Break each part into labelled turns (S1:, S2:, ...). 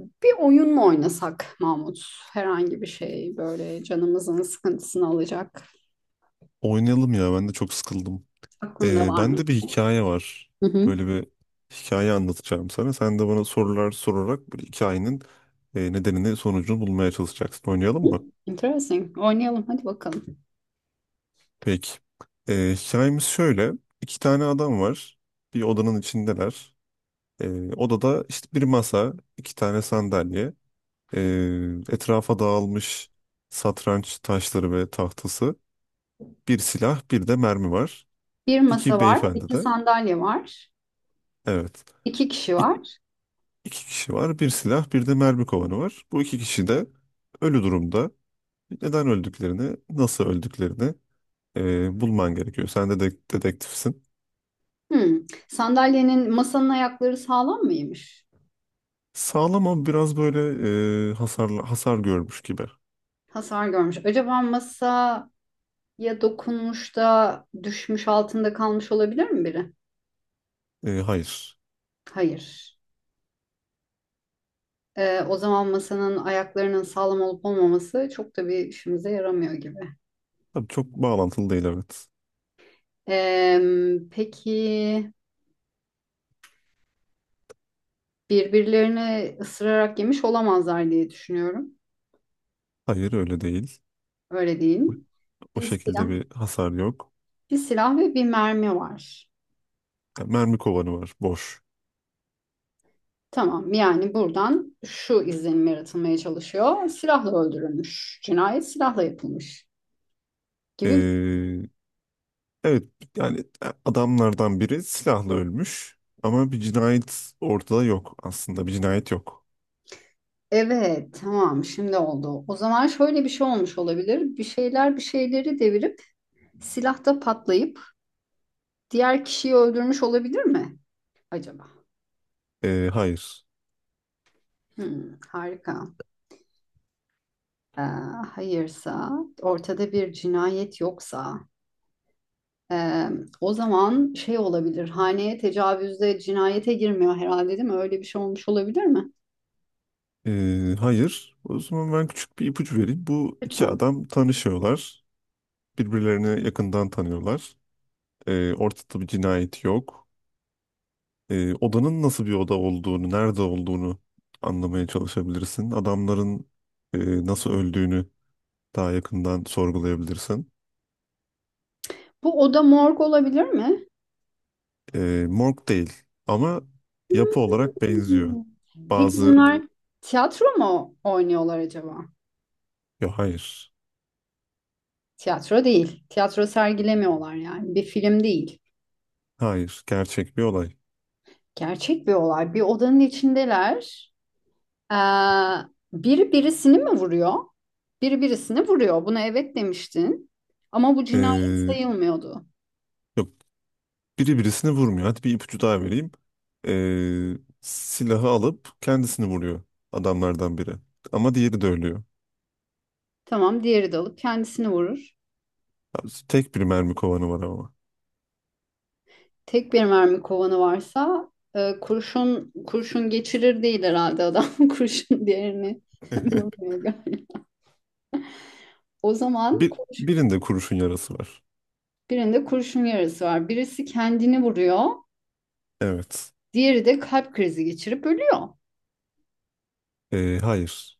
S1: Bir oyun mu oynasak, Mahmut? Herhangi bir şey böyle canımızın sıkıntısını alacak.
S2: Oynayalım ya ben de çok sıkıldım.
S1: Aklında var mı?
S2: Bende bir hikaye var.
S1: Hı hı.
S2: Böyle bir hikaye anlatacağım sana. Sen de bana sorular sorarak bu hikayenin nedenini sonucunu bulmaya çalışacaksın. Oynayalım mı?
S1: Interesting. Oynayalım hadi bakalım.
S2: Peki. Hikayemiz şöyle. İki tane adam var. Bir odanın içindeler. Odada işte bir masa, iki tane sandalye, ee, etrafa dağılmış satranç taşları ve tahtası, bir silah, bir de mermi var.
S1: Bir masa
S2: İki
S1: var,
S2: beyefendi
S1: iki
S2: de.
S1: sandalye var,
S2: Evet.
S1: iki kişi var.
S2: İki kişi var. Bir silah, bir de mermi kovanı var. Bu iki kişi de ölü durumda. Neden öldüklerini, nasıl öldüklerini bulman gerekiyor. Sen de dedektifsin.
S1: Hmm. Sandalyenin masanın ayakları sağlam mıymış?
S2: Sağlam ama biraz böyle hasar görmüş gibi.
S1: Hasar görmüş. Acaba masaya dokunmuş da düşmüş altında kalmış olabilir mi biri?
S2: E, hayır.
S1: Hayır. O zaman masanın ayaklarının sağlam olup olmaması çok da bir işimize yaramıyor gibi.
S2: Tabii çok bağlantılı değil, evet.
S1: Peki birbirlerini ısırarak yemiş olamazlar diye düşünüyorum.
S2: Hayır öyle değil.
S1: Öyle değil mi?
S2: O
S1: Bir silah,
S2: şekilde bir hasar yok.
S1: bir silah ve bir mermi var.
S2: Yani mermi kovanı var, boş.
S1: Tamam, yani buradan şu izlenim yaratılmaya çalışıyor. Silahla öldürülmüş. Cinayet silahla yapılmış gibi.
S2: E, evet, yani adamlardan biri silahla ölmüş. Ama bir cinayet ortada yok aslında. Bir cinayet yok.
S1: Evet, tamam, şimdi oldu. O zaman şöyle bir şey olmuş olabilir. Bir şeyler bir şeyleri devirip silahta patlayıp diğer kişiyi öldürmüş olabilir mi acaba?
S2: Hayır.
S1: Hmm, harika. e, Hayırsa, ortada bir cinayet yoksa, e, o zaman şey olabilir. Haneye tecavüzde cinayete girmiyor herhalde, değil mi? Öyle bir şey olmuş olabilir mi?
S2: Hayır. O zaman ben küçük bir ipucu vereyim. Bu iki
S1: Lütfen.
S2: adam tanışıyorlar. Birbirlerini yakından tanıyorlar. Ortada bir cinayet yok. Odanın nasıl bir oda olduğunu, nerede olduğunu anlamaya çalışabilirsin. Adamların e, nasıl öldüğünü daha yakından sorgulayabilirsin.
S1: Bu oda morg olabilir mi?
S2: Morg değil ama yapı olarak benziyor.
S1: Hmm. Peki
S2: Bazı...
S1: bunlar tiyatro mu oynuyorlar acaba?
S2: Yok, hayır.
S1: Tiyatro değil. Tiyatro sergilemiyorlar yani. Bir film değil.
S2: Hayır. Gerçek bir olay.
S1: Gerçek bir olay. Bir odanın içindeler. Ee, Biri birisini mi vuruyor? Biri birisini vuruyor. Buna evet demiştin. Ama bu cinayet
S2: Ee,
S1: sayılmıyordu.
S2: yok, biri birisini vurmuyor. Hadi bir ipucu daha vereyim. Silahı alıp kendisini vuruyor adamlardan biri. Ama diğeri de ölüyor.
S1: Tamam, diğeri de alıp kendisini vurur.
S2: Tek bir mermi kovanı var ama.
S1: Tek bir mermi kovanı varsa kurşun kurşun geçirir değil herhalde adam. Kurşun diğerini vurmuyor galiba. O zaman
S2: Birinde kurşun yarası var.
S1: birinde kurşun yarası var. Birisi kendini vuruyor.
S2: Evet.
S1: Diğeri de kalp krizi geçirip ölüyor.
S2: Hayır.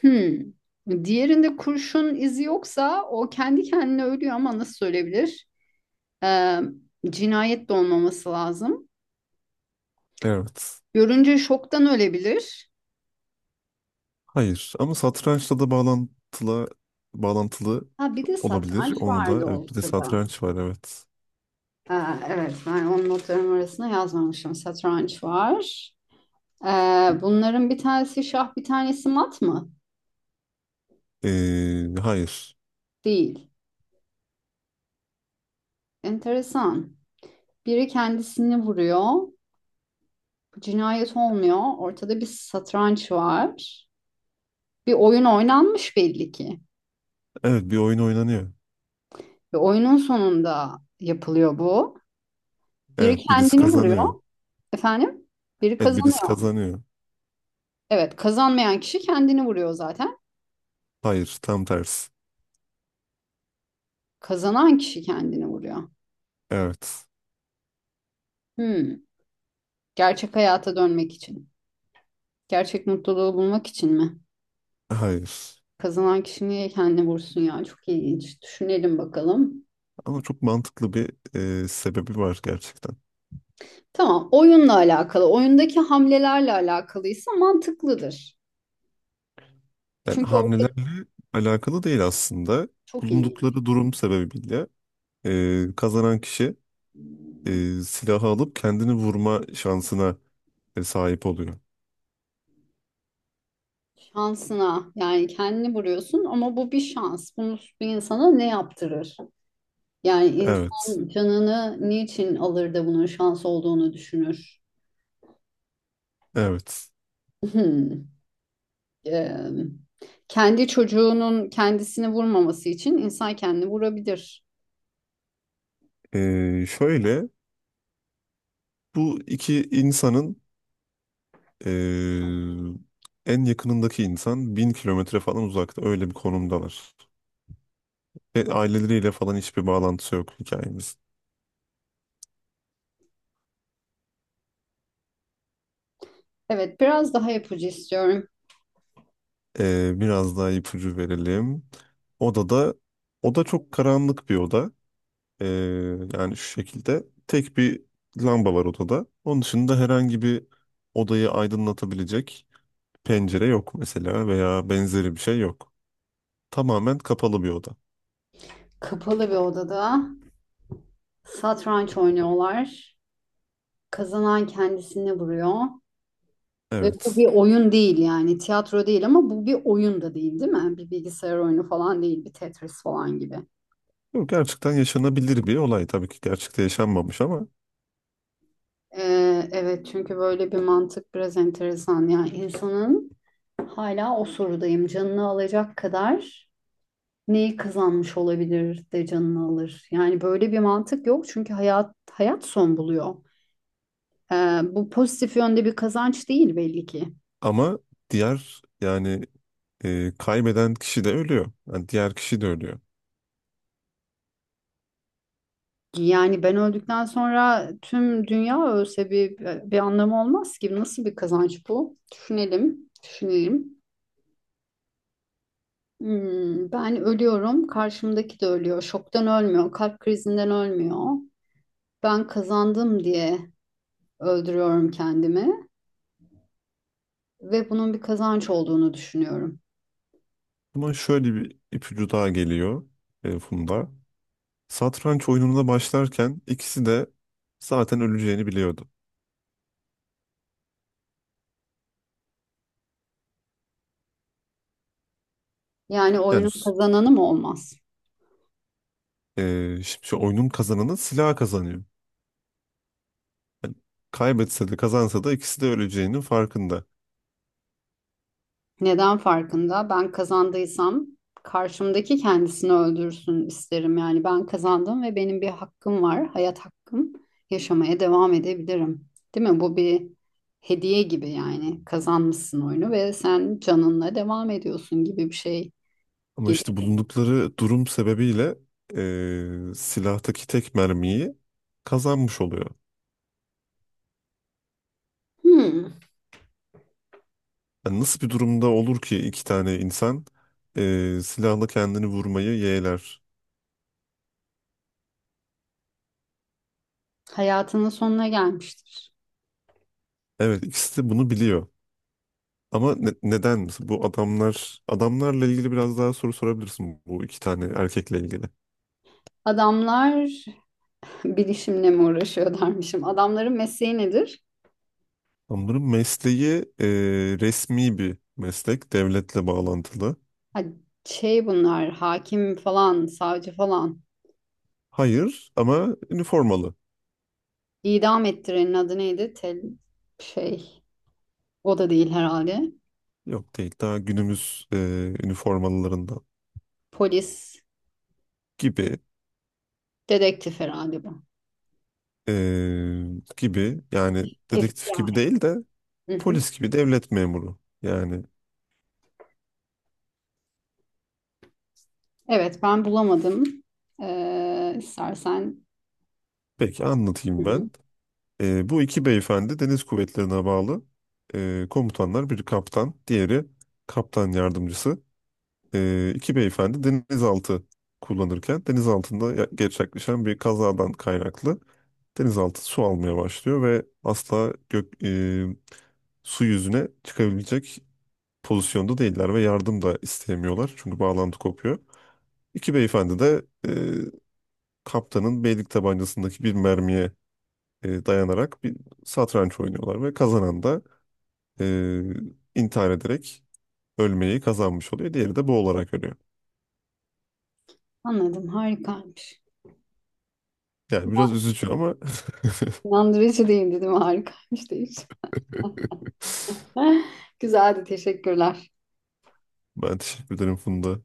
S1: Hmm. Diğerinde kurşun izi yoksa o kendi kendine ölüyor ama nasıl ölebilir? Ee, Cinayet de olmaması lazım.
S2: Evet.
S1: Görünce şoktan ölebilir.
S2: Hayır. Ama satrançla da bağlantılı
S1: Ha bir de
S2: olabilir.
S1: satranç
S2: Onu da,
S1: vardı
S2: evet, bir de
S1: ortada.
S2: satranç var, evet.
S1: Ha, evet, ben onun notlarım arasına yazmamışım. Satranç var. Bunların bir tanesi şah bir tanesi mat mı?
S2: Hayır.
S1: Değil. Enteresan. Biri kendisini vuruyor. Cinayet olmuyor. Ortada bir satranç var. Bir oyun oynanmış belli ki.
S2: Evet, bir oyun oynanıyor.
S1: Ve oyunun sonunda yapılıyor bu. Biri
S2: Evet, birisi
S1: kendini vuruyor.
S2: kazanıyor.
S1: Efendim? Biri
S2: Evet, birisi
S1: kazanıyor.
S2: kazanıyor.
S1: Evet, kazanmayan kişi kendini vuruyor zaten.
S2: Hayır, tam tersi.
S1: Kazanan kişi kendini vuruyor.
S2: Evet.
S1: Hmm. Gerçek hayata dönmek için. Gerçek mutluluğu bulmak için mi?
S2: Hayır.
S1: Kazanan kişi niye kendini vursun ya? Çok ilginç. Düşünelim bakalım.
S2: Ama çok mantıklı bir sebebi var gerçekten.
S1: Tamam, oyunla alakalı, oyundaki hamlelerle alakalıysa mantıklıdır.
S2: Yani
S1: Çünkü orada
S2: hamlelerle alakalı değil aslında.
S1: çok iyi.
S2: Bulundukları durum sebebiyle kazanan kişi silahı alıp kendini vurma şansına sahip oluyor.
S1: Şansına yani kendini vuruyorsun ama bu bir şans. Bunu bir insana ne yaptırır? Yani
S2: Evet.
S1: insan canını niçin alır da bunun şans olduğunu düşünür?
S2: Evet.
S1: Hmm. Ee, Kendi çocuğunun kendisini vurmaması için insan kendini vurabilir.
S2: Şöyle, bu iki insanın e, en yakınındaki insan 1000 kilometre falan uzakta, öyle bir konumdalar. Ve aileleriyle falan hiçbir bağlantısı yok hikayemizin.
S1: Evet, biraz daha ipucu istiyorum.
S2: Biraz daha ipucu verelim. Odada, oda çok karanlık bir oda. Ee, Yani şu şekilde tek bir lamba var odada. Onun dışında herhangi bir odayı aydınlatabilecek pencere yok mesela veya benzeri bir şey yok. Tamamen kapalı bir oda.
S1: Kapalı bir odada satranç oynuyorlar. Kazanan kendisini vuruyor. Ve bu bir
S2: Evet.
S1: oyun değil yani, tiyatro değil ama bu bir oyun da değil, değil mi? Bir bilgisayar oyunu falan değil, bir Tetris falan gibi.
S2: Bu gerçekten yaşanabilir bir olay. Tabii ki gerçekte yaşanmamış ama
S1: Evet, çünkü böyle bir mantık biraz enteresan. Yani insanın hala o sorudayım, canını alacak kadar neyi kazanmış olabilir de canını alır. Yani böyle bir mantık yok çünkü hayat son buluyor. Ee, Bu pozitif yönde bir kazanç değil belli ki.
S2: ama diğer, yani kaybeden kişi de ölüyor. Yani diğer kişi de ölüyor.
S1: Yani ben öldükten sonra tüm dünya ölse bir anlamı olmaz ki. Nasıl bir kazanç bu? Düşünelim, düşünelim. Hmm, ben ölüyorum, karşımdaki de ölüyor. Şoktan ölmüyor, kalp krizinden ölmüyor. Ben kazandım diye öldürüyorum kendimi ve bunun bir kazanç olduğunu düşünüyorum.
S2: Ama şöyle bir ipucu daha geliyor Funda. Satranç oyununa başlarken ikisi de zaten öleceğini biliyordu.
S1: Yani
S2: Yani
S1: oyunun kazananı mı olmaz?
S2: şimdi şu oyunun kazananı silah kazanıyor. Yani kaybetse de kazansa da ikisi de öleceğinin farkında.
S1: Neden farkında? Ben kazandıysam karşımdaki kendisini öldürsün isterim. Yani ben kazandım ve benim bir hakkım var, hayat hakkım. Yaşamaya devam edebilirim. Değil mi? Bu bir hediye gibi yani. Kazanmışsın oyunu ve sen canınla devam ediyorsun gibi bir şey
S2: Ama
S1: gelir.
S2: işte bulundukları durum sebebiyle silahtaki tek mermiyi kazanmış oluyor.
S1: Hmm,
S2: Yani nasıl bir durumda olur ki iki tane insan silahla kendini vurmayı yeğler?
S1: hayatının sonuna gelmiştir.
S2: Evet, ikisi de bunu biliyor. Ama neden mesela bu adamlarla ilgili biraz daha soru sorabilirsin, bu iki tane erkekle ilgili.
S1: Adamlar bilişimle mi uğraşıyor dermişim. Adamların mesleği nedir?
S2: Adamların mesleği resmi bir meslek, devletle bağlantılı.
S1: Ha, şey, bunlar hakim falan savcı falan,
S2: Hayır, ama üniformalı.
S1: idam ettirenin adı neydi? Tel, şey, o da değil herhalde.
S2: Yok, değil, daha günümüz üniformalılarından
S1: Polis
S2: gibi,
S1: dedektif herhalde bu.
S2: e, gibi yani, dedektif gibi
S1: FBI.
S2: değil de
S1: Hı hı.
S2: polis gibi devlet memuru. Yani
S1: Evet, ben bulamadım. Ee, istersen.
S2: peki
S1: Hı
S2: anlatayım ben.
S1: hı.
S2: Bu iki beyefendi deniz kuvvetlerine bağlı komutanlar. Biri kaptan, diğeri kaptan yardımcısı. İki beyefendi denizaltı kullanırken denizaltında gerçekleşen bir kazadan kaynaklı denizaltı su almaya başlıyor ve asla su yüzüne çıkabilecek pozisyonda değiller ve yardım da isteyemiyorlar. Çünkü bağlantı kopuyor. İki beyefendi de kaptanın beylik tabancasındaki bir mermiye dayanarak bir satranç oynuyorlar ve kazanan da e, intihar ederek ölmeyi kazanmış oluyor. Diğeri de bu olarak ölüyor.
S1: Anladım, harikaymış.
S2: Yani biraz üzücü ama
S1: İnandırıcı değildi değil mi? Harikaymış değil. Güzeldi, teşekkürler.
S2: ben teşekkür ederim Funda.